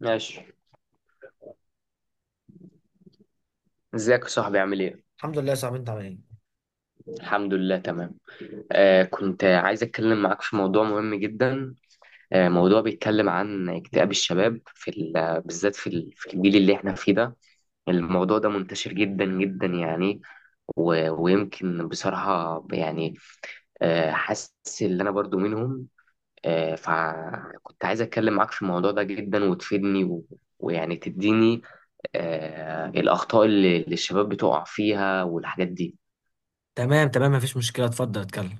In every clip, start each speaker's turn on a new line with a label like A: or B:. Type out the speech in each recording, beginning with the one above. A: ماشي. ازيك يا صاحبي؟ عامل ايه؟
B: الحمد لله يا صاحبي، انت عامل ايه؟
A: الحمد لله تمام. كنت عايز اتكلم معاك في موضوع مهم جدا. موضوع بيتكلم عن اكتئاب الشباب بالذات في الجيل اللي احنا فيه ده. الموضوع ده منتشر جدا جدا يعني. ويمكن بصراحة يعني، حاسس ان انا برضو منهم. فكنت عايز اتكلم معاك في الموضوع ده جدا وتفيدني ويعني تديني الاخطاء اللي الشباب بتقع فيها والحاجات دي.
B: تمام مفيش مشكلة، اتفضل اتكلم.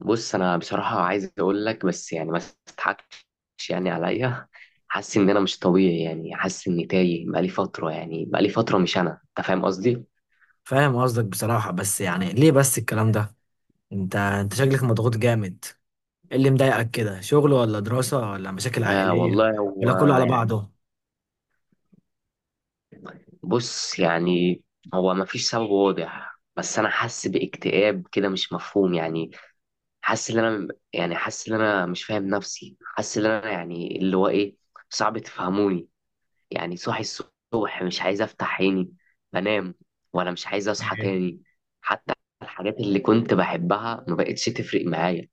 A: بص، انا بصراحه عايز اقول لك، بس يعني ما تضحكش يعني عليا. حاسس ان انا مش طبيعي، يعني حاسس اني تايه بقالي فتره، يعني بقالي فتره مش انا، انت فاهم قصدي.
B: فاهم قصدك بصراحة، بس يعني ليه بس الكلام ده؟ انت شكلك مضغوط جامد. ايه اللي مضايقك كده؟ شغل ولا دراسة ولا مشاكل
A: آه
B: عائلية،
A: والله،
B: ولا
A: هو
B: كله على
A: يعني،
B: بعضه؟
A: بص يعني، هو ما فيش سبب واضح، بس انا حاسس باكتئاب كده مش مفهوم يعني. حاسس ان انا، يعني حاسس ان انا مش فاهم نفسي، حاسس ان انا يعني اللي هو ايه، صعب تفهموني. يعني صاحي الصبح مش عايز افتح عيني، بنام ولا مش عايز اصحى
B: ايه؟
A: تاني. حتى الحاجات اللي كنت بحبها ما بقتش تفرق معايا.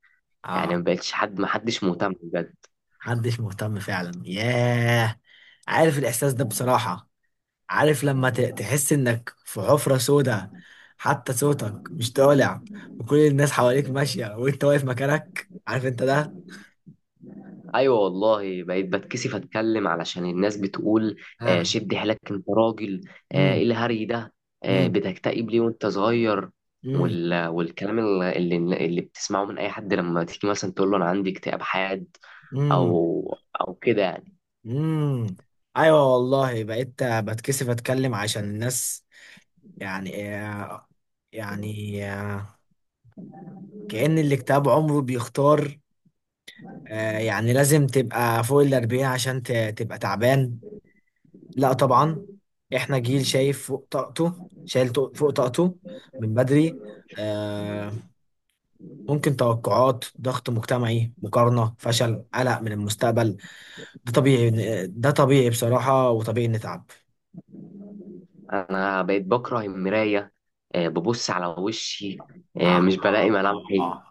A: يعني ما
B: اه.
A: بقتش حد، ما حدش مهتم بجد.
B: محدش مهتم فعلا، ياه. عارف الاحساس ده بصراحة. عارف لما تحس انك في حفرة سودة، حتى صوتك مش طالع، وكل الناس حواليك ماشية وانت واقف مكانك، عارف انت ده.
A: ايوه والله، بقيت بتكسف اتكلم علشان الناس بتقول،
B: اه.
A: شد حيلك انت راجل، ايه
B: امم
A: الهري ده، بتكتئب ليه وانت صغير.
B: امم
A: والكلام اللي بتسمعه من اي حد، لما تيجي مثلا تقول له انا عندي اكتئاب حاد،
B: امم
A: او كده يعني.
B: امم ايوه والله، بقيت بتكسف اتكلم عشان الناس. يعني آه، يعني آه، كأن اللي كتاب عمره بيختار. يعني لازم تبقى فوق الأربعين عشان تبقى تعبان؟ لا طبعا. احنا جيل شايف فوق طاقته، شايل فوق طاقته من بدري. آه، ممكن توقعات، ضغط مجتمعي، مقارنة، فشل، قلق من المستقبل. ده طبيعي، ده طبيعي بصراحة، وطبيعي نتعب.
A: انا بقيت بكره المرايه، ببص على وشي
B: آه
A: مش بلاقي ملامحي.
B: آه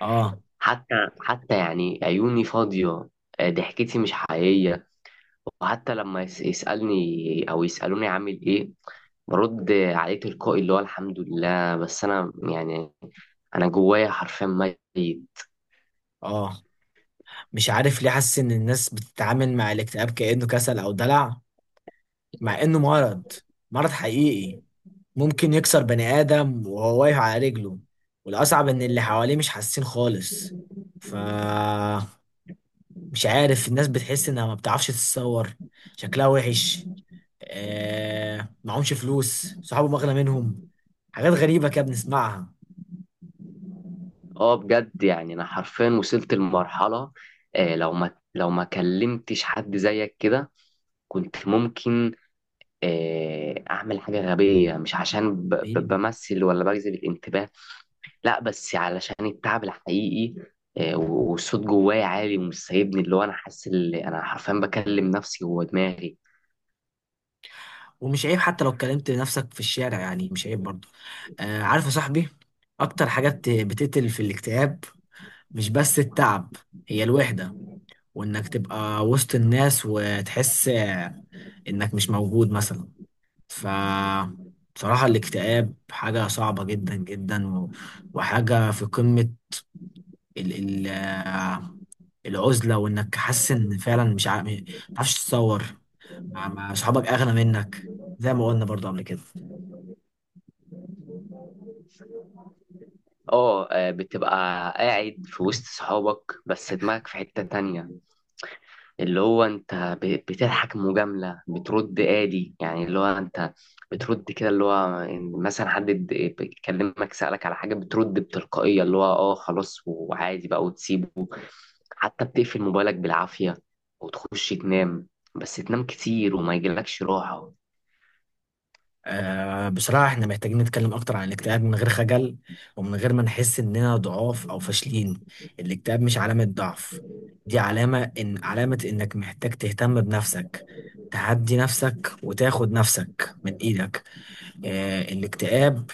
B: آه
A: حتى حتى يعني عيوني فاضيه، ضحكتي مش حقيقيه. وحتى لما يسالني او يسالوني عامل ايه، برد عليه تلقائي اللي هو الحمد لله، بس انا يعني انا جوايا حرفيا ميت.
B: آه مش عارف ليه حاسس إن الناس بتتعامل مع الاكتئاب كأنه كسل أو دلع، مع إنه مرض، مرض حقيقي ممكن يكسر بني آدم وهو واقف على رجله. والأصعب إن اللي حواليه مش حاسين خالص. ف مش عارف الناس بتحس إنها ما بتعرفش تتصور. شكلها وحش. آه معهمش فلوس، صحابه أغلى منهم. حاجات غريبة كده بنسمعها.
A: اه بجد يعني، انا حرفيا وصلت لمرحله، لو ما كلمتش حد زيك كده، كنت ممكن اعمل حاجه غبيه. مش عشان
B: حبيبي.
A: بمثل ولا بجذب الانتباه، لا، بس علشان التعب الحقيقي، والصوت جوايا عالي ومش سايبني، اللي هو انا حاسس اللي انا حرفيا بكلم نفسي جوه دماغي.
B: ومش عيب حتى لو اتكلمت لنفسك في الشارع، يعني مش عيب برضه. آه عارف يا صاحبي، اكتر حاجات بتقتل في الاكتئاب مش بس التعب، هي الوحدة. وانك تبقى وسط الناس وتحس انك مش موجود مثلا. ف بصراحة الاكتئاب حاجة صعبة جدا جدا، وحاجة في قمة ال... ال... آه، العزلة. وانك حاسس ان فعلا مش عارف، مش عارفش تتصور، مع صحابك اغنى منك، زي ما قلنا برضه قبل كده.
A: بتبقى قاعد في وسط صحابك بس دماغك في حته تانية. اللي هو انت بتضحك مجاملة، بترد آدي يعني، اللي هو انت بترد كده اللي هو، إن مثلا حد بيكلمك سألك على حاجة، بترد بتلقائية اللي هو اه خلاص وعادي بقى وتسيبه. حتى بتقفل موبايلك بالعافية وتخش تنام، بس تنام كتير وما يجيلكش راحة.
B: آه بصراحة احنا محتاجين نتكلم أكتر عن الاكتئاب من غير خجل، ومن غير ما نحس إننا ضعاف أو فاشلين. الاكتئاب مش علامة ضعف، دي علامة إن علامة إنك محتاج تهتم بنفسك، تهدي نفسك وتاخد نفسك من إيدك. آه الاكتئاب،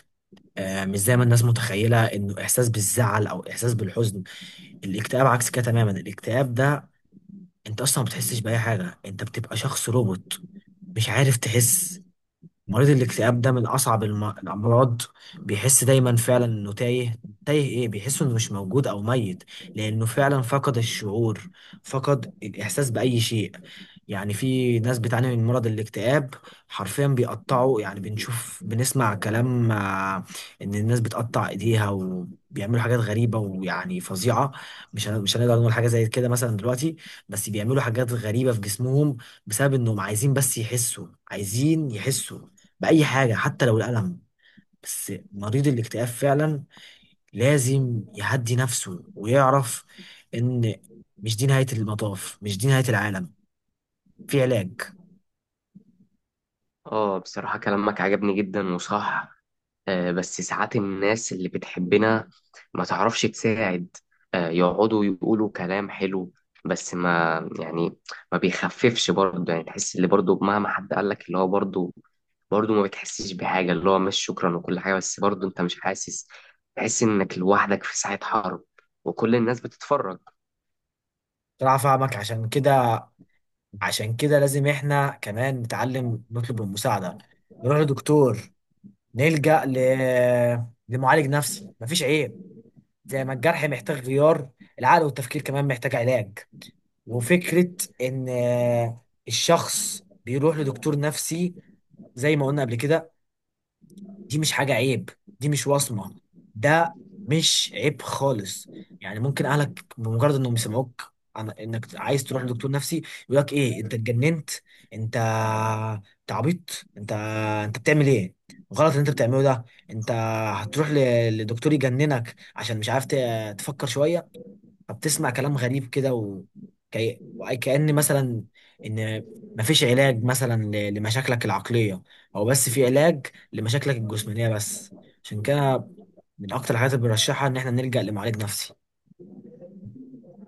B: آه مش زي ما الناس متخيلة إنه إحساس بالزعل أو إحساس بالحزن. الاكتئاب عكس كده تماما. الاكتئاب ده انت اصلا ما بتحسش باي حاجه، انت بتبقى شخص روبوت مش عارف تحس. مريض الاكتئاب ده من أصعب الأمراض، بيحس دايما فعلا إنه تايه. تايه إيه؟ بيحس إنه مش موجود أو ميت، لأنه فعلا فقد الشعور، فقد الإحساس بأي شيء. يعني في ناس بتعاني من مرض الاكتئاب حرفيا بيقطعوا، يعني بنشوف بنسمع كلام، إن الناس بتقطع إيديها وبيعملوا حاجات غريبة ويعني فظيعة. مش هنقدر نقول حاجة زي كده مثلا دلوقتي، بس بيعملوا حاجات غريبة في جسمهم بسبب إنهم عايزين بس يحسوا، عايزين يحسوا بأي حاجة حتى لو الألم. بس مريض الاكتئاب فعلا لازم يهدي نفسه ويعرف إن مش دي نهاية المطاف، مش دي نهاية العالم، في علاج.
A: اه بصراحة كلامك عجبني جدا وصح. بس ساعات الناس اللي بتحبنا ما تعرفش تساعد. يقعدوا يقولوا كلام حلو بس ما، يعني ما بيخففش برضه. يعني تحس اللي برضه مهما حد قال لك، اللي هو برضه ما بتحسش بحاجة، اللي هو مش شكرا وكل حاجة، بس برضه انت مش حاسس. تحس انك لوحدك في ساعة حرب وكل الناس بتتفرج.
B: طلع فاهمك. عشان كده، عشان كده لازم احنا كمان نتعلم نطلب المساعدة، نروح لدكتور، نلجأ لمعالج نفسي، مفيش عيب. زي ما الجرح محتاج غيار، العقل والتفكير كمان محتاج علاج. وفكرة إن الشخص بيروح لدكتور نفسي، زي ما قلنا قبل كده، دي مش حاجة عيب، دي مش وصمة، ده مش عيب خالص. يعني ممكن أهلك بمجرد إنهم يسمعوك عن إنك عايز تروح لدكتور نفسي يقول لك إيه أنت اتجننت؟ أنت أنت عبيط، أنت بتعمل إيه؟ غلط اللي أنت بتعمله ده. أنت هتروح لدكتور يجننك عشان مش عارف تفكر شوية. فبتسمع كلام غريب كده وكأن مثلا ان مفيش علاج مثلا لمشاكلك العقلية، او بس في علاج لمشاكلك الجسمانية بس. عشان كده من اكتر الحاجات اللي بنرشحها ان احنا نلجأ لمعالج نفسي.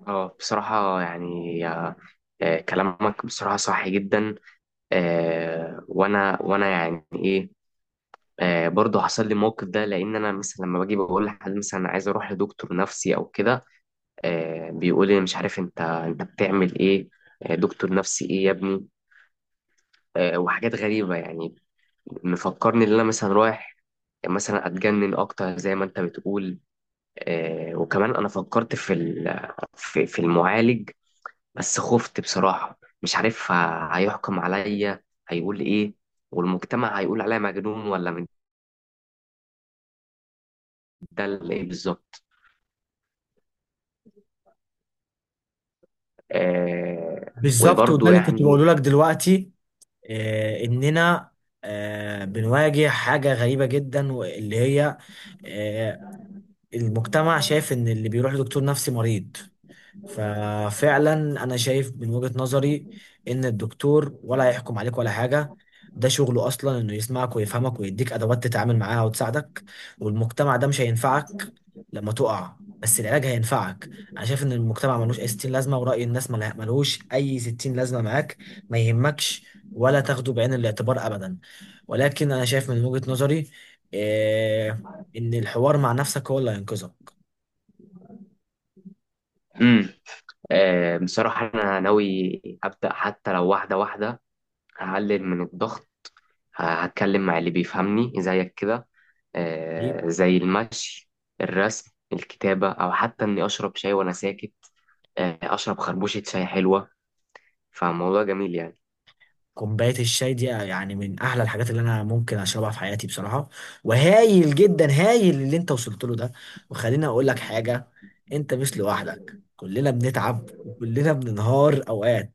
A: اه بصراحة يعني، كلامك بصراحة صح جدا. وانا يعني ايه، برضه حصل لي موقف ده، لان انا مثلا لما باجي بقول لحد مثلا انا عايز اروح لدكتور نفسي او كده، بيقول لي مش عارف، انت بتعمل ايه، دكتور نفسي ايه يا ابني، وحاجات غريبه، يعني مفكرني ان انا مثلا رايح مثلا اتجنن اكتر زي ما انت بتقول. وكمان انا فكرت في المعالج، بس خفت بصراحه، مش عارف هيحكم عليا هيقول ايه، والمجتمع هيقول عليا مجنون ولا مدلل ايه بالظبط.
B: بالظبط، وده
A: وبرضه
B: اللي كنت بقوله
A: يعني.
B: لك دلوقتي. آه اننا آه بنواجه حاجة غريبة جدا، واللي هي آه المجتمع شايف ان اللي بيروح لدكتور نفسي مريض. ففعلا انا شايف من وجهة نظري ان الدكتور ولا هيحكم عليك ولا حاجة، ده شغله اصلا انه يسمعك ويفهمك ويديك ادوات تتعامل معاها وتساعدك. والمجتمع ده مش هينفعك لما تقع، بس العلاج هينفعك. انا شايف ان المجتمع ملوش اي 60 لازمة، ورأي الناس ملوش اي 60 لازمة معاك، ما يهمكش ولا تاخده بعين الاعتبار ابدا. ولكن انا شايف من وجهة نظري إيه؟ ان الحوار مع نفسك هو اللي هينقذك.
A: امم بصراحة أنا ناوي أبدأ حتى لو واحدة واحدة. هقلل من الضغط، هتكلم مع اللي بيفهمني زيك كده، زي المشي، الرسم، الكتابة، أو حتى إني أشرب شاي وأنا ساكت. أشرب خربوشة شاي حلوة. فالموضوع جميل يعني.
B: كوباية الشاي دي يعني من أحلى الحاجات اللي أنا ممكن أشربها في حياتي بصراحة. وهايل جدا، هايل اللي أنت وصلت له ده. وخليني أقول لك حاجة، أنت مش لوحدك، كلنا بنتعب وكلنا بننهار أوقات.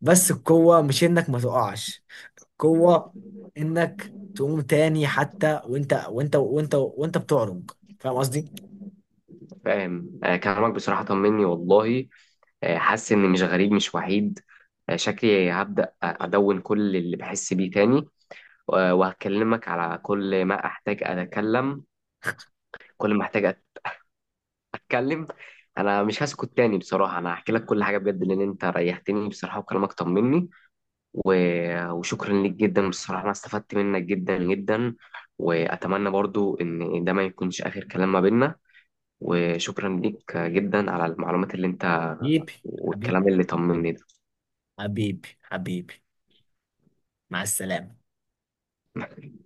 B: بس القوة مش إنك ما تقعش، القوة إنك تقوم تاني حتى وأنت بتعرج. فاهم قصدي؟
A: فاهم. كلامك بصراحة طمني والله، حاسس إني مش غريب مش وحيد. شكلي هبدأ أدون كل اللي بحس بيه تاني، وهكلمك على كل ما احتاج اتكلم. كل ما احتاج اتكلم. انا مش هسكت تاني بصراحه، انا هحكي لك كل حاجه بجد، لان انت ريحتني بصراحه وكلامك طمني. و... وشكرا ليك جدا بصراحه، انا استفدت منك جدا جدا. واتمنى برضو ان ده ما يكونش اخر كلام ما بيننا. وشكرا ليك جدا على المعلومات اللي انت
B: حبيبي حبيبي
A: والكلام اللي طمني ده.
B: حبيبي حبيبي، مع السلامة.